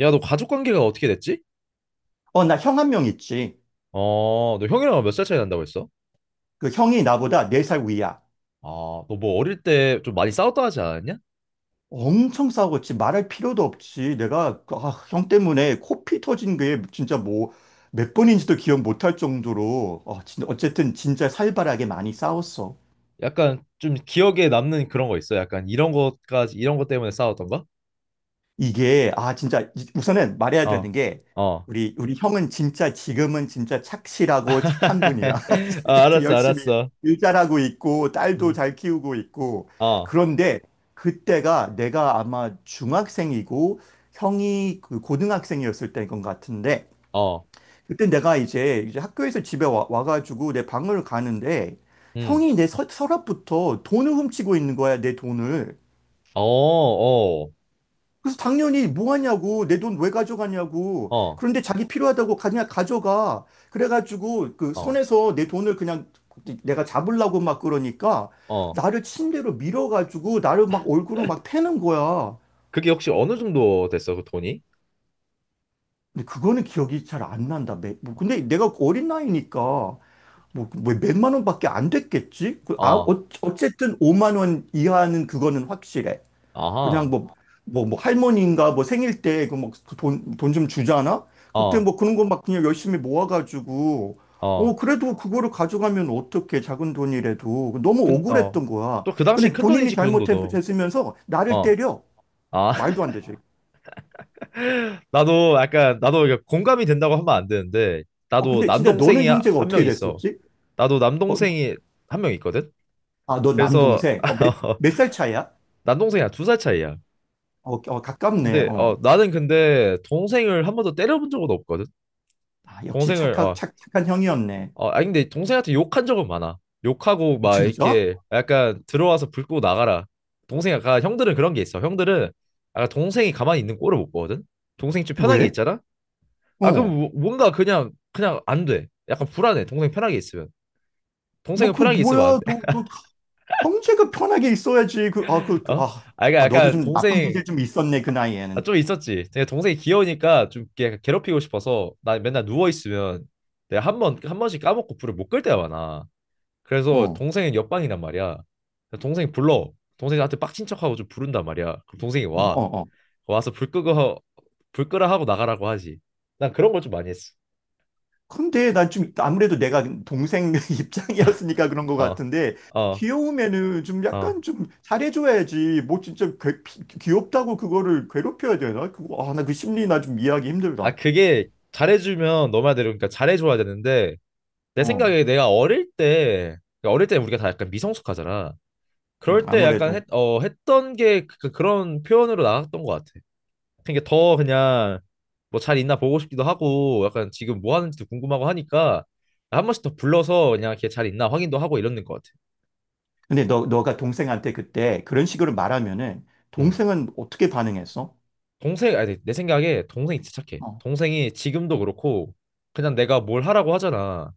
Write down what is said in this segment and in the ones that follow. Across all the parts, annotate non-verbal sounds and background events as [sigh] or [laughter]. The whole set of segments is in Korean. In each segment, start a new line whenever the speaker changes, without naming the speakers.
야, 너 가족 관계가 어떻게 됐지?
어, 나 형 한 명 있지.
어, 너 형이랑 몇 살 차이 난다고 했어?
그 형이 나보다 4살 위야.
아, 너 뭐 어릴 때 좀 많이 싸웠다 하지 않았냐?
엄청 싸웠지. 말할 필요도 없지. 내가, 형 때문에 코피 터진 게 진짜 뭐, 몇 번인지도 기억 못할 정도로, 어쨌든 진짜 살벌하게 많이 싸웠어.
약간 좀 기억에 남는 그런 거 있어? 약간 이런 것까지, 이런 것 때문에 싸웠던 가.
이게 진짜 우선은 말해야 되는
어,
게
어.
우리 형은 진짜 지금은 진짜 착실하고 착한 분이야.
[laughs] 아,
[laughs] 지금
알았어,
열심히
알았어.
일 잘하고 있고 딸도
음,
잘 키우고 있고
어,
그런데 그때가 내가 아마 중학생이고 형이 그 고등학생이었을 때인 것 같은데
어,
그때 내가 이제 학교에서 집에 와가지고 내 방을 가는데
음,
형이 내 서, 서랍부터 돈을 훔치고 있는 거야 내 돈을.
어, 어,
그래서 당연히 뭐 하냐고 내 돈 왜 가져가냐고
어,
그런데 자기 필요하다고 그냥 가져가. 그래가지고 그
어,
손에서 내 돈을 그냥 내가 잡으려고 막 그러니까
어.
나를 침대로 밀어가지고 나를 막 얼굴을 막 패는 거야.
그게 혹시 어느 정도 됐어, 그 돈이?
근데 그거는 기억이 잘 안 난다. 뭐 근데 내가 어린 나이니까 뭐 몇만 원밖에 안 됐겠지.
어,
어쨌든 5만 원 이하는 그거는 확실해. 그냥
아하,
뭐 할머니인가 뭐 생일 때 그 뭐 돈 좀 주잖아? 그때
어,
뭐 그런 거 막 그냥 열심히 모아가지고,
어.
그래도 그거를 가져가면 어떡해, 작은 돈이라도. 너무
큰, 어.
억울했던 거야.
또 그 당시엔
근데
큰
본인이
돈이지, 그 정도도.
잘못했으면서 나를
어.
때려.
아,
말도 안 되죠.
나도 약간 나도 이게 공감이 된다고 하면 안 되는데
어,
나도
근데 진짜
남동생이
너는 형제가
1명
어떻게
있어.
됐었지?
나도
어,
남동생이 한 명 있거든.
아, 너
그래서
남동생. 어, 몇,
[laughs]
몇 살 차이야?
남동생이랑 2살 차이야.
어, 어, 가깝네.
근데 어
어.
나는 근데 동생을 한 번도 때려본 적은 없거든.
아, 역시
동생을 어,
착한 형이었네.
어 아니 근데 동생한테 욕한 적은 많아. 욕하고
어,
막
진짜?
이렇게 약간 들어와서 불 끄고 나가라. 동생 약간 형들은 그런 게 있어. 형들은 약간 동생이 가만히 있는 꼴을 못 보거든. 동생이 좀 편한 게
왜?
있잖아. 아 그럼
어.
뭔가 그냥 그냥 안 돼. 약간 불안해. 동생 편하게 있으면.
뭐,
동생은
그,
편하게 있으면 안
뭐야,
돼.
너, 너 형제가 편하게 있어야지.
[laughs] 어? 아 그러니까
아, 너도
약간
좀 나쁜
동생.
기질 좀 있었네, 그
아,
나이에는.
좀 있었지. 내가 동생이 귀여우니까 좀 이렇게 약간 괴롭히고 싶어서 나 맨날 누워 있으면 내가 한 번씩 까먹고 불을 못 끌 때가 많아. 그래서
어,
동생은 옆방이란 말이야. 그래서 동생이 불러. 동생한테 빡친 척하고 좀 부른단 말이야. 그럼 동생이
어,
와.
어, 어.
와서 불 끄고 불 끄라 하고 나가라고 하지. 난 그런 걸 좀 많이 했어.
근데 난 좀, 아무래도 내가 동생 [laughs] 입장이었으니까 그런 것
어.
같은데,
어.
귀여우면은 좀
어.
약간 좀 잘해줘야지. 뭐 진짜 귀엽다고 그거를 괴롭혀야 되나? 그거, 나 그 심리 나 좀 이해하기
아,
힘들다.
그게 잘해주면 너 말대로 그러니까 잘해줘야 되는데 내
어,
생각에 내가 어릴 때 그러니까 어릴 때 우리가 다 약간 미성숙하잖아. 그럴 때 약간
아무래도.
했던 게 그런 표현으로 나왔던 것 같아. 그러니까 더 그냥 뭐 잘 있나 보고 싶기도 하고 약간 지금 뭐 하는지도 궁금하고 하니까 한 번씩 더 불러서 그냥 걔 잘 있나 확인도 하고 이러는 것 같아.
근데 너가 동생한테 그때 그런 식으로 말하면은,
음.
동생은 어떻게 반응했어?
동생 아니 내 생각에 동생이 진짜 착해.
어,
동생이 지금도 그렇고 그냥 내가 뭘 하라고 하잖아.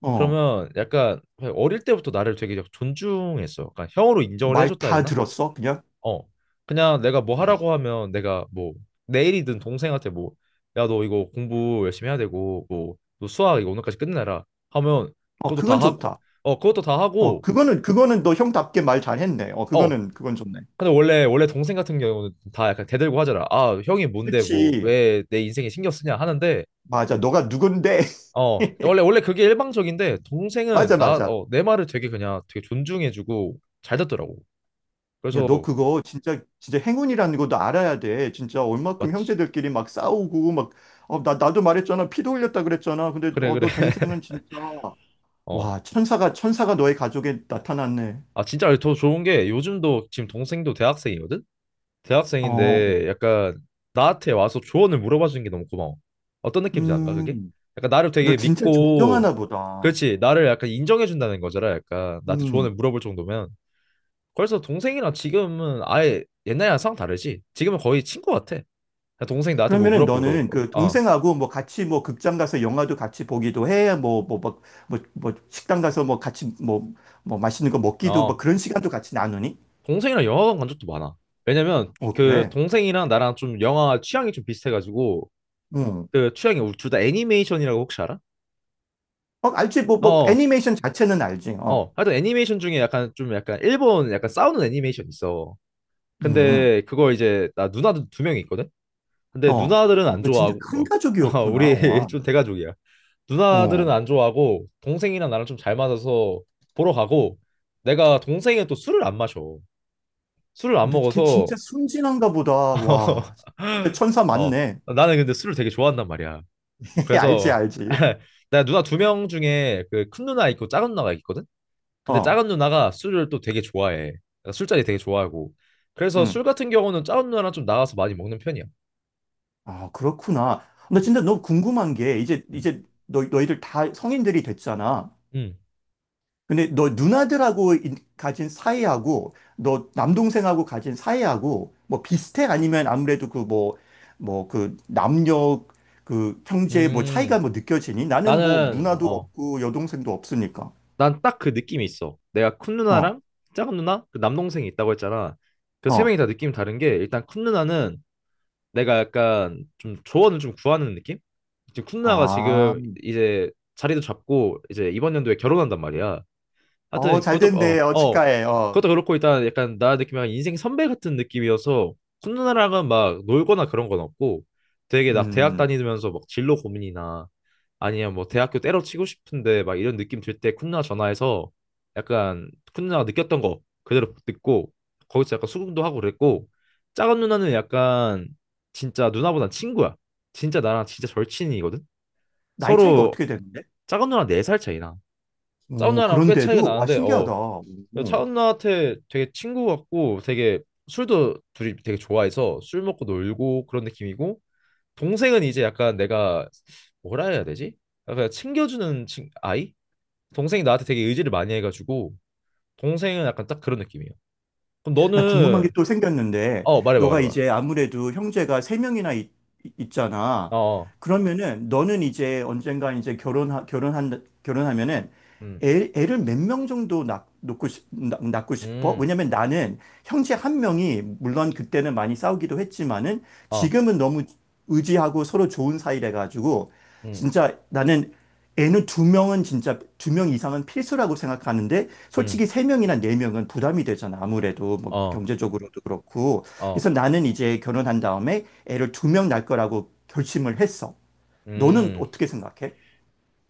어,
그러면 약간 어릴 때부터 나를 되게 존중했어. 그러니까 형으로 인정을
말
해줬다 해야
다
되나?
들었어, 그냥?
어. 그냥 내가 뭐
어.
하라고 하면 내가 뭐 내일이든 동생한테 뭐 야 너 이거 공부 열심히 해야 되고 뭐 너 수학 이거 오늘까지 끝내라 하면
어,
그것도 다
그건
하고
좋다.
어 그것도 다
어,
하고.
그거는 너 형답게 말 잘했네. 어,
어
그건 좋네.
근데 원래 동생 같은 경우는 다 약간 대들고 하잖아. 아 형이 뭔데 뭐
그치.
왜 내 인생에 신경 쓰냐 하는데
맞아. 너가 누군데?
어 원래
[laughs]
원래 그게 일방적인데 동생은
맞아,
나
맞아.
어 내 말을 되게 그냥 되게 존중해주고 잘 듣더라고.
야, 너
그래서
그거 진짜, 진짜 행운이라는 것도 알아야 돼. 진짜 얼마큼
마치.
형제들끼리 막 싸우고, 막, 어, 나도 말했잖아. 피도 흘렸다 그랬잖아. 근데,
그래 그래
너
[laughs]
동생은 진짜,
어.
와, 천사가, 천사가 너의 가족에 나타났네.
아 진짜 더 좋은 게 요즘도 지금 동생도 대학생이거든? 대학생인데
어,
약간 나한테 와서 조언을 물어봐 주는 게 너무 고마워. 어떤 느낌인지 안가 그게?
음,
약간 나를
너
되게
진짜
믿고.
존경하나 보다.
그렇지 나를 약간 인정해 준다는 거잖아. 약간 나한테 조언을
음.
물어볼 정도면. 그래서 동생이랑 지금은 아예 옛날이랑 상 다르지? 지금은 거의 친구 같아. 그냥 동생이 나한테 뭐
그러면은
물었고
너는
물어보고.
그
어.
동생하고 뭐 같이 뭐 극장 가서 영화도 같이 보기도 해. 뭐 식당 가서 뭐 같이 뭐, 뭐 맛있는 거 먹기도 뭐
어.
그런 시간도 같이 나누니?
동생이랑 영화관 간 적도 많아. 왜냐면
어,
그
그래.
동생이랑 나랑 좀 영화 취향이 좀 비슷해가지고
응.
그 취향이 우리 둘 다 애니메이션이라고 혹시 알아?
어, 알지. 뭐
어,
애니메이션 자체는 알지. 어.
어. 하여튼 애니메이션 중에 약간 좀 약간 일본 약간 싸우는 애니메이션 있어.
음.
근데 그거 이제 나 누나들 두 명이 있거든? 근데
어.
누나들은
어,
안
너 진짜
좋아하고
큰
어, [laughs] 아,
가족이었구나.
우리 [laughs]
와.
좀 대가족이야. 누나들은
어.
안 좋아하고 동생이랑 나랑 좀 잘 맞아서 보러 가고 내가 동생은 또 술을 안 마셔. 술을 안
근데 걔
먹어서
진짜 순진한가 보다. 와. 진짜
[laughs]
천사
어,
맞네.
나는 근데 술을 되게 좋아한단 말이야.
[laughs] 알지,
그래서
알지.
[laughs] 나 누나 2명 중에 그 큰 누나 있고 작은 누나가 있거든. 근데
어.
작은 누나가 술을 또 되게 좋아해. 그러니까 술자리 되게 좋아하고. 그래서 술
음.
같은 경우는 작은 누나랑 좀 나가서 많이 먹는 편이야.
아, 그렇구나. 나 진짜 너무 궁금한 게 이제
음.
이제 너 너희들 다 성인들이 됐잖아.
음.
근데 너 누나들하고 가진 사이하고 너 남동생하고 가진 사이하고 뭐 비슷해? 아니면 아무래도 그 뭐 그 남녀 그 형제 뭐 차이가
음.
뭐 느껴지니? 나는 뭐
나는
누나도
어,
없고 여동생도 없으니까.
난 딱 그 느낌이 있어. 내가 큰
어.
누나랑 작은 누나, 그 남동생이 있다고 했잖아. 그 세
어.
명이 다 느낌이 다른 게 일단 큰 누나는 내가 약간 좀 조언을 좀 구하는 느낌? 지금 쿤나가
아.
지금 이제 자리도 잡고 이제 이번 연도에 결혼한단 말이야.
어,
하여튼
잘
그것도
됐네.
어,
어,
어.
축하해. 어.
그것도 그렇고 일단 약간 나 느낌이 약간 인생 선배 같은 느낌이어서 쿤누나랑은 막 놀거나 그런 건 없고 되게 나 대학
음.
다니면서 막 진로 고민이나 아니면 뭐 대학교 때려치고 싶은데 막 이런 느낌 들 때 쿤누나 전화해서 약간 쿤누나가 느꼈던 거 그대로 듣고 거기서 약간 수긍도 하고 그랬고 작은 누나는 약간 진짜 누나보단 친구야. 진짜 나랑 진짜 절친이거든.
나이 차이가
서로
어떻게 되는데?
작은 누나 4살 차이나. 작은
오,
누나랑 꽤 차이가
그런데도 와
나는데 어
신기하다. 오.
차은 나한테 되게 친구 같고 되게 술도 둘이 되게 좋아해서 술 먹고 놀고 그런 느낌이고 동생은 이제 약간 내가 뭐라 해야 되지? 약간 챙겨주는 친 아이? 동생이 나한테 되게 의지를 많이 해가지고 동생은 약간 딱 그런 느낌이에요. 그럼
나 궁금한
너는.
게 또 생겼는데,
어 말해봐
너가
말해봐.
이제 아무래도 형제가 세 명이나 있,
어,
있잖아.
어.
그러면은 너는 이제 언젠가 이제 결혼하면은
음,
애를 몇 명 정도 낳, 놓고 싶, 낳, 낳고 싶어?
음,
왜냐면 나는 형제 한 명이 물론 그때는 많이 싸우기도 했지만은
어,
지금은 너무 의지하고 서로 좋은 사이래 가지고
음,
진짜 나는 애는 두 명은 진짜 두 명 이상은 필수라고 생각하는데
음,
솔직히 세명이나네명은 부담이 되잖아. 아무래도 뭐
어,
경제적으로도 그렇고.
어,
그래서 나는 이제 결혼한 다음에 애를 두 명 낳을 거라고 결심을 했어. 너는
음.
어떻게 생각해?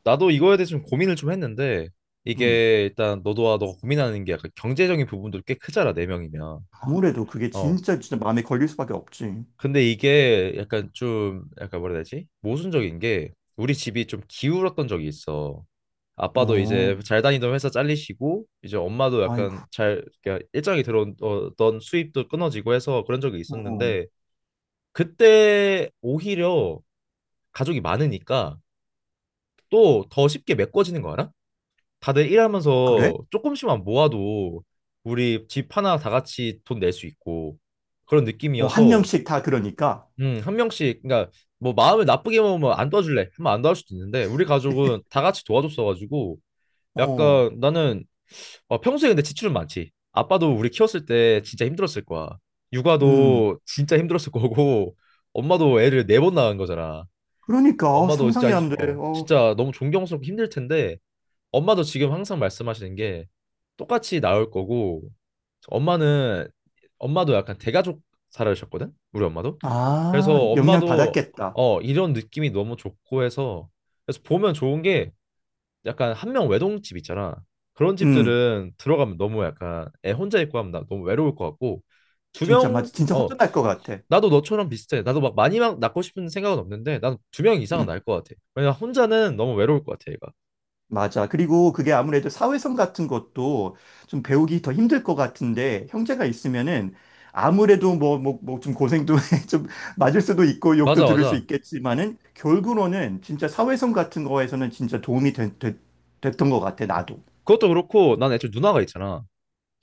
나도 이거에 대해서 좀 고민을 좀 했는데
음.
이게 일단 너도와 너가 고민하는 게 약간 경제적인 부분도 꽤 크잖아 네 명이면.
아무래도 그게
어.
진짜 진짜 마음에 걸릴 수밖에 없지.
근데 이게 약간 좀 약간 뭐라 해야 되지? 모순적인 게 우리 집이 좀 기울었던 적이 있어. 아빠도
어,
이제 잘 다니던 회사 잘리시고 이제 엄마도
아이고.
약간 잘 그러니까 일정이 들어오던 수입도 끊어지고 해서 그런 적이
어,
있었는데 그때 오히려 가족이 많으니까 또 더 쉽게 메꿔지는 거 알아? 다들
어, 그래?
일하면서 조금씩만 모아도 우리 집 하나 다 같이 돈 낼 수 있고 그런
어, 한
느낌이어서
명씩 다 그러니까.
한 명씩, 그러니까 뭐 마음을 나쁘게 먹으면 안 도와줄래 하면 안 도와줄 수도 있는데 우리 가족은 다 같이 도와줬어가지고
어,
약간 나는 어, 평소에 근데 지출은 많지. 아빠도 우리 키웠을 때 진짜 힘들었을 거야.
음.
육아도 진짜 힘들었을 거고 엄마도 애를 4번 낳은 거잖아.
그러니까
엄마도 진짜
상상이 안 돼.
어
어.
진짜 너무 존경스럽고 힘들 텐데 엄마도 지금 항상 말씀하시는 게 똑같이 나올 거고 엄마는 엄마도 약간 대가족 살아셨거든 우리 엄마도. 그래서
아, 영향
엄마도
받았겠다.
어 이런 느낌이 너무 좋고 해서 그래서 보면 좋은 게 약간 1명 외동집 있잖아 그런
음.
집들은 들어가면 너무 약간 애 혼자 있고 하면 나 너무 외로울 것 같고 두
진짜
명
맞아. 진짜
어
허전할 것 같아.
나도 너처럼 비슷해 나도 막 많이 막 낳고 싶은 생각은 없는데 난 2명 이상은
음.
낳을 것 같아 왜냐 혼자는 너무 외로울 것 같아 얘가.
맞아. 그리고 그게 아무래도 사회성 같은 것도 좀 배우기 더 힘들 것 같은데, 형제가 있으면은 아무래도 뭐 좀 고생도 [laughs] 좀 맞을 수도 있고, 욕도
맞아
들을 수
맞아.
있겠지만은, 결국으로는 진짜 사회성 같은 거에서는 진짜 도움이 됐던 것 같아, 나도.
그것도 그렇고 난 애초에 누나가 있잖아.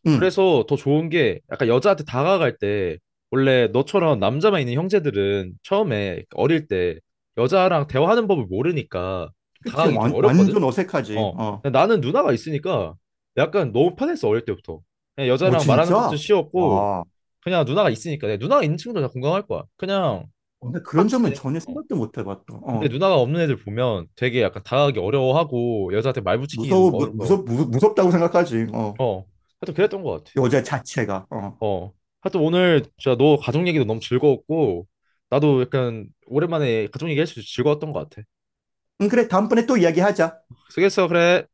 응.
그래서 더 좋은 게 약간 여자한테 다가갈 때 원래 너처럼 남자만 있는 형제들은 처음에 어릴 때 여자랑 대화하는 법을 모르니까 좀
그치.
다가가기 좀
완,
어렵거든?
완전 어색하지.
어.
어.
근데 나는 누나가 있으니까 약간 너무 편했어 어릴 때부터. 그냥
어,
여자랑 말하는 것도
진짜?
쉬웠고
와.
그냥 누나가 있으니까 내 누나가 있는 친구들 다 공감할 거야. 그냥
어, 나 그런
똑같이
점은
되는
전혀
거.
생각도 못 해봤다.
근데
어.
누나가 없는 애들 보면 되게 약간 다가가기 어려워하고 여자한테 말 붙이기도
무서워,
어려워.
무섭다고 생각하지. 어.
어. 하여튼 그랬던 것 같아.
여자 자체가. 어.
어. 하여튼 오늘 진짜 너 가족 얘기도 너무 즐거웠고 나도 약간 오랜만에 가족 얘기할 수 있어서 즐거웠던 것 같아.
응, 그래. 다음번에 또 이야기하자.
수고했어, 그래.